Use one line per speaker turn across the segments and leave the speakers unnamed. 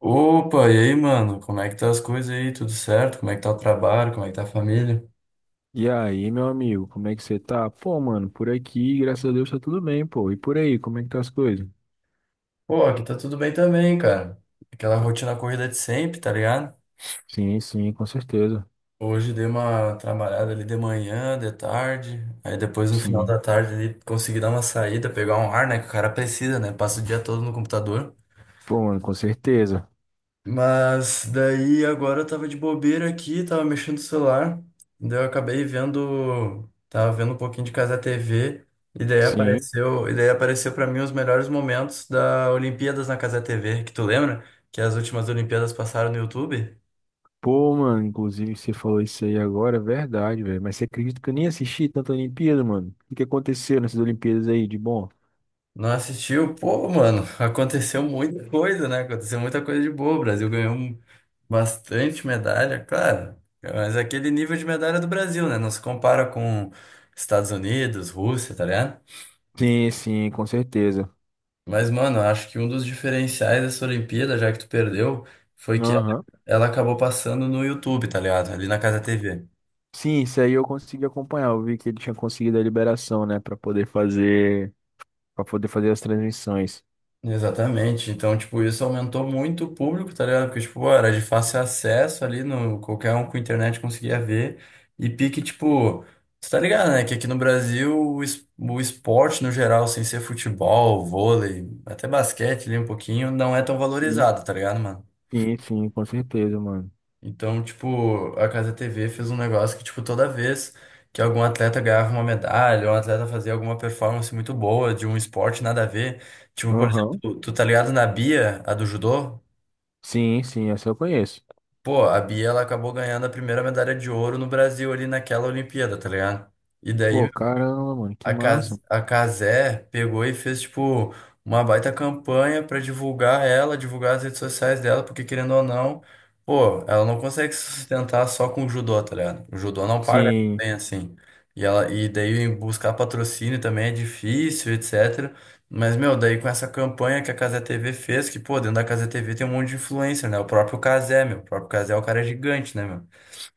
Opa, e aí, mano? Como é que tá as coisas aí? Tudo certo? Como é que tá o trabalho? Como é que tá a família?
E aí, meu amigo, como é que você tá? Pô, mano, por aqui, graças a Deus, tá tudo bem, pô. E por aí, como é que tá as coisas?
Pô, aqui tá tudo bem também, cara. Aquela rotina corrida de sempre, tá ligado?
Sim, sim, com certeza.
Hoje dei uma trabalhada ali de manhã, de tarde. Aí depois no final
Sim.
da tarde ali consegui dar uma saída, pegar um ar, né? Que o cara precisa, né? Passa o dia todo no computador.
Pô, mano, com certeza.
Mas daí agora eu tava de bobeira aqui, tava mexendo no celular, daí eu acabei vendo, tava vendo um pouquinho de Casa TV,
Sim.
e daí apareceu para mim os melhores momentos da Olimpíadas na Casa TV, que tu lembra? Que as últimas Olimpíadas passaram no YouTube?
Pô, mano, inclusive você falou isso aí agora, é verdade, velho. Mas você acredita que eu nem assisti tanta Olimpíada, mano? O que aconteceu nessas Olimpíadas aí de bom?
Não assistiu? Pô, mano, aconteceu muita coisa, né? Aconteceu muita coisa de boa. O Brasil ganhou bastante medalha, claro, mas aquele nível de medalha do Brasil, né? Não se compara com Estados Unidos, Rússia, tá ligado?
Sim, sim, com certeza.
Mas, mano, eu acho que um dos diferenciais dessa Olimpíada, já que tu perdeu, foi que ela
Aham.
ela acabou passando no YouTube, tá ligado? Ali na Casa TV.
Sim, isso aí eu consegui acompanhar. Eu vi que ele tinha conseguido a liberação, né, pra poder fazer, para poder fazer as transmissões.
Exatamente. Então, tipo, isso aumentou muito o público, tá ligado? Porque, tipo, era de fácil acesso ali, no, qualquer um com internet conseguia ver. E pique, tipo, tu tá ligado, né? Que aqui no Brasil o esporte no geral, sem ser futebol, vôlei, até basquete ali um pouquinho, não é tão valorizado, tá ligado, mano?
Sim, sim, com certeza, mano.
Então, tipo, a Casa TV fez um negócio que, tipo, toda vez que algum atleta ganhava uma medalha, ou um atleta fazia alguma performance muito boa de um esporte nada a ver, tipo, por
Aham.
exemplo, tu tá ligado na Bia, a do judô?
Sim, sim, essa eu conheço.
Pô, a Bia, ela acabou ganhando a primeira medalha de ouro no Brasil ali naquela Olimpíada, tá ligado? E
Pô,
daí,
caramba, mano, que
A
massa.
Cas- a Casé pegou e fez, tipo, uma baita campanha pra divulgar ela, divulgar as redes sociais dela, porque querendo ou não, pô, ela não consegue se sustentar só com o judô, tá ligado? O judô não paga tão
Sim,
bem assim. E daí buscar patrocínio também é difícil, etc. Mas, meu, daí com essa campanha que a Cazé TV fez, que, pô, dentro da Cazé TV tem um monte de influencer, né? O próprio Casé meu, o próprio Casé é o cara gigante, né, meu?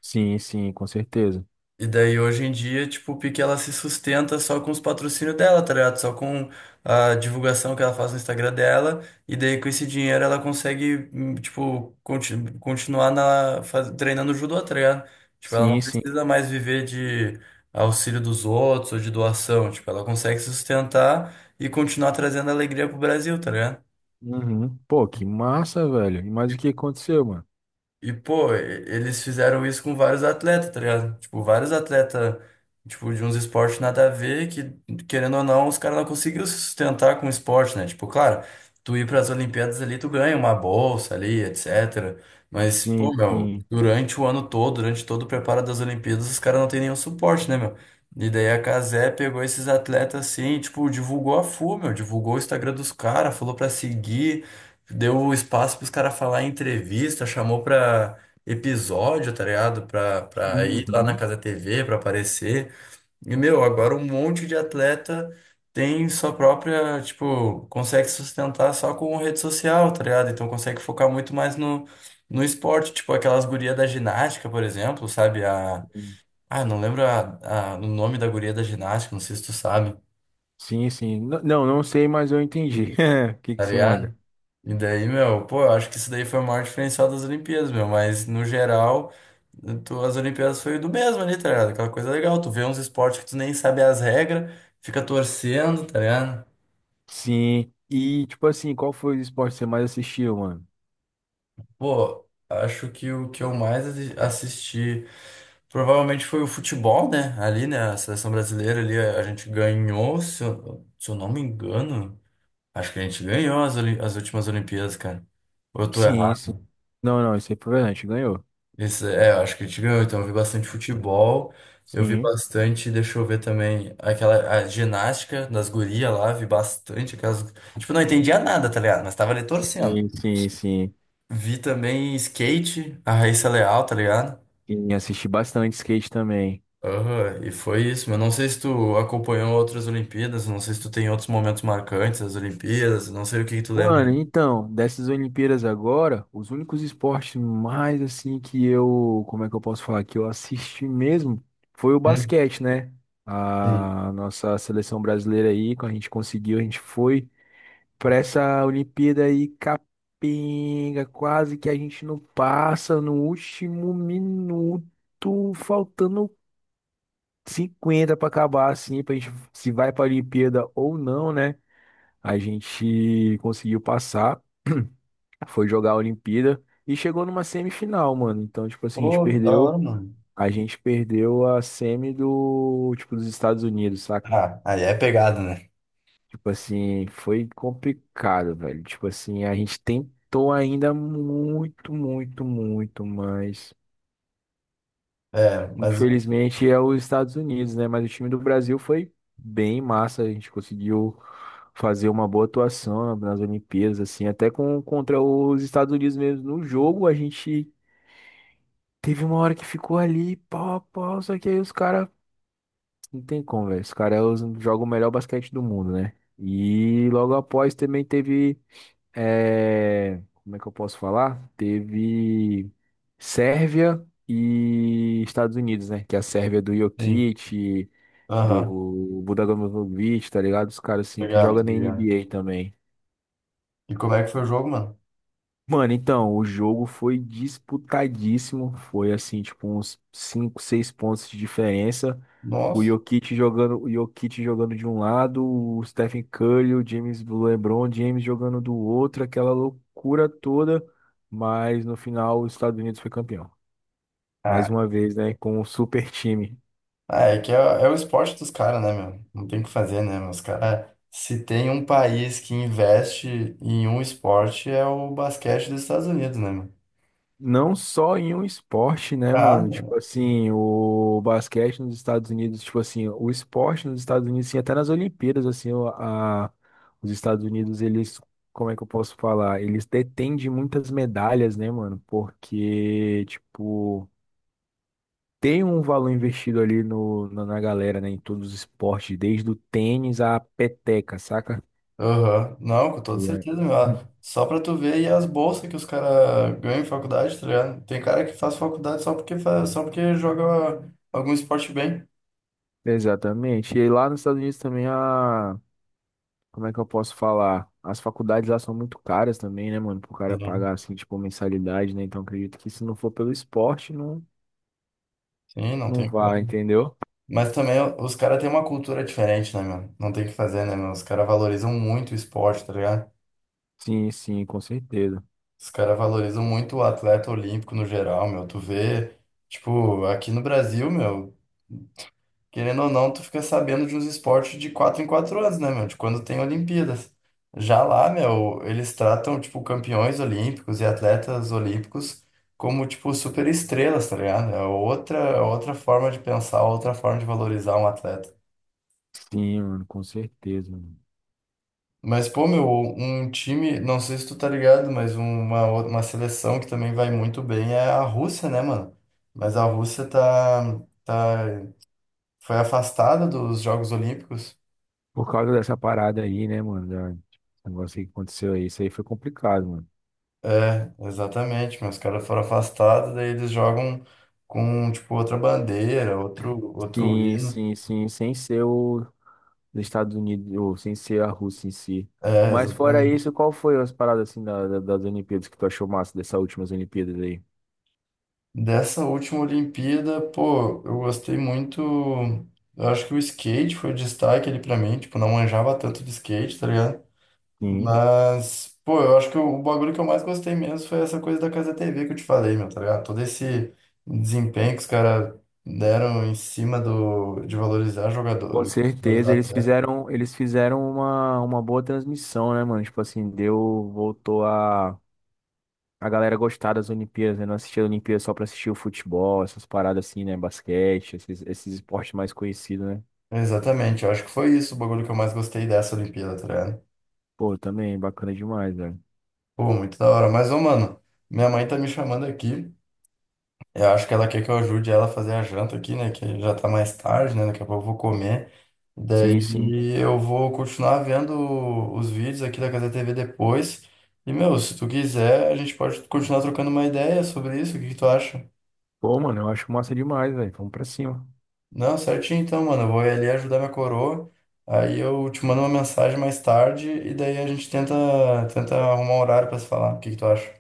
sim, sim, com certeza.
E daí hoje em dia, tipo, o Pique ela se sustenta só com os patrocínios dela, tá ligado? Só com a divulgação que ela faz no Instagram dela. E daí com esse dinheiro ela consegue, tipo, continuar na, treinando judô, tá ligado? Tipo, ela não
Sim, sim.
precisa mais viver de auxílio dos outros ou de doação. Tipo, ela consegue se sustentar e continuar trazendo alegria pro Brasil, tá ligado?
Uhum. Pô, que massa, velho. E mais o que aconteceu, mano?
E, pô, eles fizeram isso com vários atletas, tá ligado? Tipo, vários atletas, tipo, de uns esportes nada a ver, que, querendo ou não, os caras não conseguiram se sustentar com o esporte, né? Tipo, claro, tu ir pras Olimpíadas ali, tu ganha uma bolsa ali, etc. Mas, pô,
Sim,
meu,
sim.
durante o ano todo, durante todo o preparo das Olimpíadas, os caras não têm nenhum suporte, né, meu? E daí a Cazé pegou esses atletas assim, e, tipo, divulgou a full, meu, divulgou o Instagram dos caras, falou pra seguir, deu espaço pros caras falar em entrevista, chamou pra episódio, tá ligado? Pra ir lá na
Uhum.
Casa TV, pra aparecer. E, meu, agora um monte de atleta tem sua própria, tipo, consegue se sustentar só com rede social, tá ligado? Então consegue focar muito mais no esporte, tipo aquelas gurias da ginástica, por exemplo, sabe? Não lembro o nome da guria da ginástica, não sei se tu sabe.
Sim, sim. Não, não sei, mas eu entendi. O que
Tá
que você
ligado?
manda?
E daí, meu, pô, eu acho que isso daí foi o maior diferencial das Olimpíadas, meu, mas no geral, tu, as Olimpíadas foi do mesmo ali, tá ligado? Aquela coisa legal, tu vê uns esportes que tu nem sabe as regras, fica torcendo, tá ligado?
Sim. E, tipo assim, qual foi o esporte que você mais assistiu, mano?
Pô, acho que o que eu mais assisti provavelmente foi o futebol, né? Ali, né, a seleção brasileira ali, a gente ganhou, se eu não me engano, acho que a gente ganhou as últimas Olimpíadas, cara. Ou tu é?
Sim, sim. Não, não, isso é verdade, ganhou.
Isso, é, eu acho que a gente ganhou, então eu vi bastante futebol, eu vi
Sim.
bastante, deixa eu ver também, aquela a ginástica das gurias lá, vi bastante aquelas. Tipo, não entendia nada, tá ligado? Mas tava ali torcendo.
Sim, sim, sim.
Vi também skate, a Raíssa Leal, tá ligado?
E assisti bastante skate também.
Aham, e foi isso, mas não sei se tu acompanhou outras Olimpíadas, não sei se tu tem outros momentos marcantes das Olimpíadas, não sei o que que tu lembra.
Mano, então, dessas Olimpíadas agora, os únicos esportes mais assim que eu, como é que eu posso falar, que eu assisti mesmo, foi o
Hum,
basquete, né?
sim.
A nossa seleção brasileira aí, quando a gente conseguiu, a gente foi para essa Olimpíada aí capenga, quase que a gente não passa no último minuto, faltando 50 para acabar assim, pra gente se vai para Olimpíada ou não, né? A gente conseguiu passar, foi jogar a Olimpíada e chegou numa semifinal, mano. Então, tipo assim, a gente
Pô, que da hora,
perdeu,
mano.
a gente perdeu a semi do, tipo, dos Estados Unidos, saca?
Ah, aí é pegado, né?
Tipo assim, foi complicado, velho. Tipo assim, a gente tentou ainda muito, muito, muito, mas
É, mas o.
infelizmente é os Estados Unidos, né? Mas o time do Brasil foi bem massa. A gente conseguiu fazer uma boa atuação nas Olimpíadas, assim, até com, contra os Estados Unidos mesmo. No jogo, a gente teve uma hora que ficou ali, pau, a pau, só que aí os caras. Não tem como, velho. Os caras jogam o melhor basquete do mundo, né? E logo após também teve. É, como é que eu posso falar? Teve Sérvia e Estados Unidos, né? Que é a Sérvia do
Sim.
Jokic,
Aham,
do Budagan Bogdanovic, tá ligado? Os caras assim que
obrigado,
jogam na
obrigado.
NBA também.
E como é que foi o jogo, mano?
Mano, então, o jogo foi disputadíssimo. Foi assim, tipo, uns 5, 6 pontos de diferença.
Nossa.
O Jokic jogando de um lado, o Stephen Curry, o James, o LeBron James jogando do outro, aquela loucura toda. Mas no final, os Estados Unidos foi campeão.
Ah,
Mais uma vez, né? Com um super time.
Ah, é que é, é o esporte dos caras, né, meu? Não tem o que fazer, né, meu? Os caras. Se tem um país que investe em um esporte, é o basquete dos Estados Unidos, né, meu?
Não só em um esporte, né,
Ah,
mano?
né?
Tipo assim, o basquete nos Estados Unidos, tipo assim, o esporte nos Estados Unidos, sim, até nas Olimpíadas, assim, a, os Estados Unidos, eles, como é que eu posso falar? Eles detêm de muitas medalhas, né, mano? Porque, tipo, tem um valor investido ali no, na, na galera, né, em todos os esportes, desde o tênis à peteca, saca?
Aham. Não, com toda
E é-
certeza, meu. Ah, só pra tu ver aí as bolsas que os caras ganham em faculdade, tá ligado? Tem cara que faz faculdade só porque, faz, só porque joga algum esporte bem.
Exatamente. E lá nos Estados Unidos também a como é que eu posso falar? As faculdades lá são muito caras também, né, mano? Pro cara
Sim,
pagar, assim, tipo, mensalidade, né? Então, acredito que se não for pelo esporte,
Sim, não
não
tem.
vai, entendeu?
Mas também os caras têm uma cultura diferente, né, meu? Não tem o que fazer, né, meu? Os caras valorizam muito o esporte, tá ligado?
Sim, sim, com certeza.
Os caras valorizam muito o atleta olímpico no geral, meu. Tu vê, tipo, aqui no Brasil, meu, querendo ou não, tu fica sabendo de uns esportes de quatro em quatro anos, né, meu? De quando tem Olimpíadas. Já lá, meu, eles tratam, tipo, campeões olímpicos e atletas olímpicos como, tipo, super estrelas, tá ligado? É outra forma de pensar, outra forma de valorizar um atleta.
Sim, mano, com certeza, mano.
Mas, pô, meu, um time, não sei se tu tá ligado, mas uma seleção que também vai muito bem é a Rússia, né, mano? Mas a Rússia foi afastada dos Jogos Olímpicos.
Por causa dessa parada aí, né, mano? Esse negócio aí que aconteceu aí, isso aí foi complicado, mano.
É, exatamente, mas os caras foram afastados, daí eles jogam com, tipo, outra bandeira, outro
Sim,
hino.
sim, sim, sem ser os Estados Unidos, ou sem ser a Rússia em si.
É,
Mas fora
exatamente.
isso, qual foi as paradas, assim, das Olimpíadas que tu achou massa, dessas últimas Olimpíadas aí?
Dessa última Olimpíada, pô, eu gostei muito. Eu acho que o skate foi o destaque ali pra mim, tipo, não manjava tanto de skate, tá ligado?
Sim.
Mas, pô, eu acho que o bagulho que eu mais gostei mesmo foi essa coisa da Casa TV que eu te falei, meu, tá ligado? Todo esse desempenho que os caras deram em cima do, de valorizar
Com
jogador,
certeza,
valorizar atleta.
eles fizeram uma boa transmissão, né, mano? Tipo assim, deu, voltou a galera gostar das Olimpíadas, né? Não assistia a Olimpíada só pra assistir o futebol, essas paradas assim, né? Basquete, esses esportes mais conhecidos, né?
Exatamente, eu acho que foi isso o bagulho que eu mais gostei dessa Olimpíada, tá ligado?
Pô, também, bacana demais, velho.
Pô, muito da hora. Mas, ô, mano, minha mãe tá me chamando aqui. Eu acho que ela quer que eu ajude ela a fazer a janta aqui, né? Que já tá mais tarde, né? Daqui a pouco eu vou comer.
Sim, sim.
Daí eu vou continuar vendo os vídeos aqui da Casa TV depois. E, meu, se tu quiser, a gente pode continuar trocando uma ideia sobre isso. O que que tu acha?
Pô, mano, eu acho massa demais, velho. Vamos pra cima.
Não, certinho então, mano. Eu vou ir ali ajudar minha coroa. Aí eu te mando uma mensagem mais tarde e daí a gente tenta arrumar um horário pra se falar. O que que tu acha?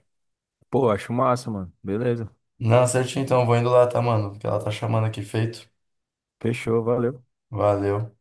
Pô, acho massa, mano. Beleza.
Não, certinho então. Vou indo lá, tá, mano? Porque ela tá chamando aqui, feito.
Fechou, valeu.
Valeu.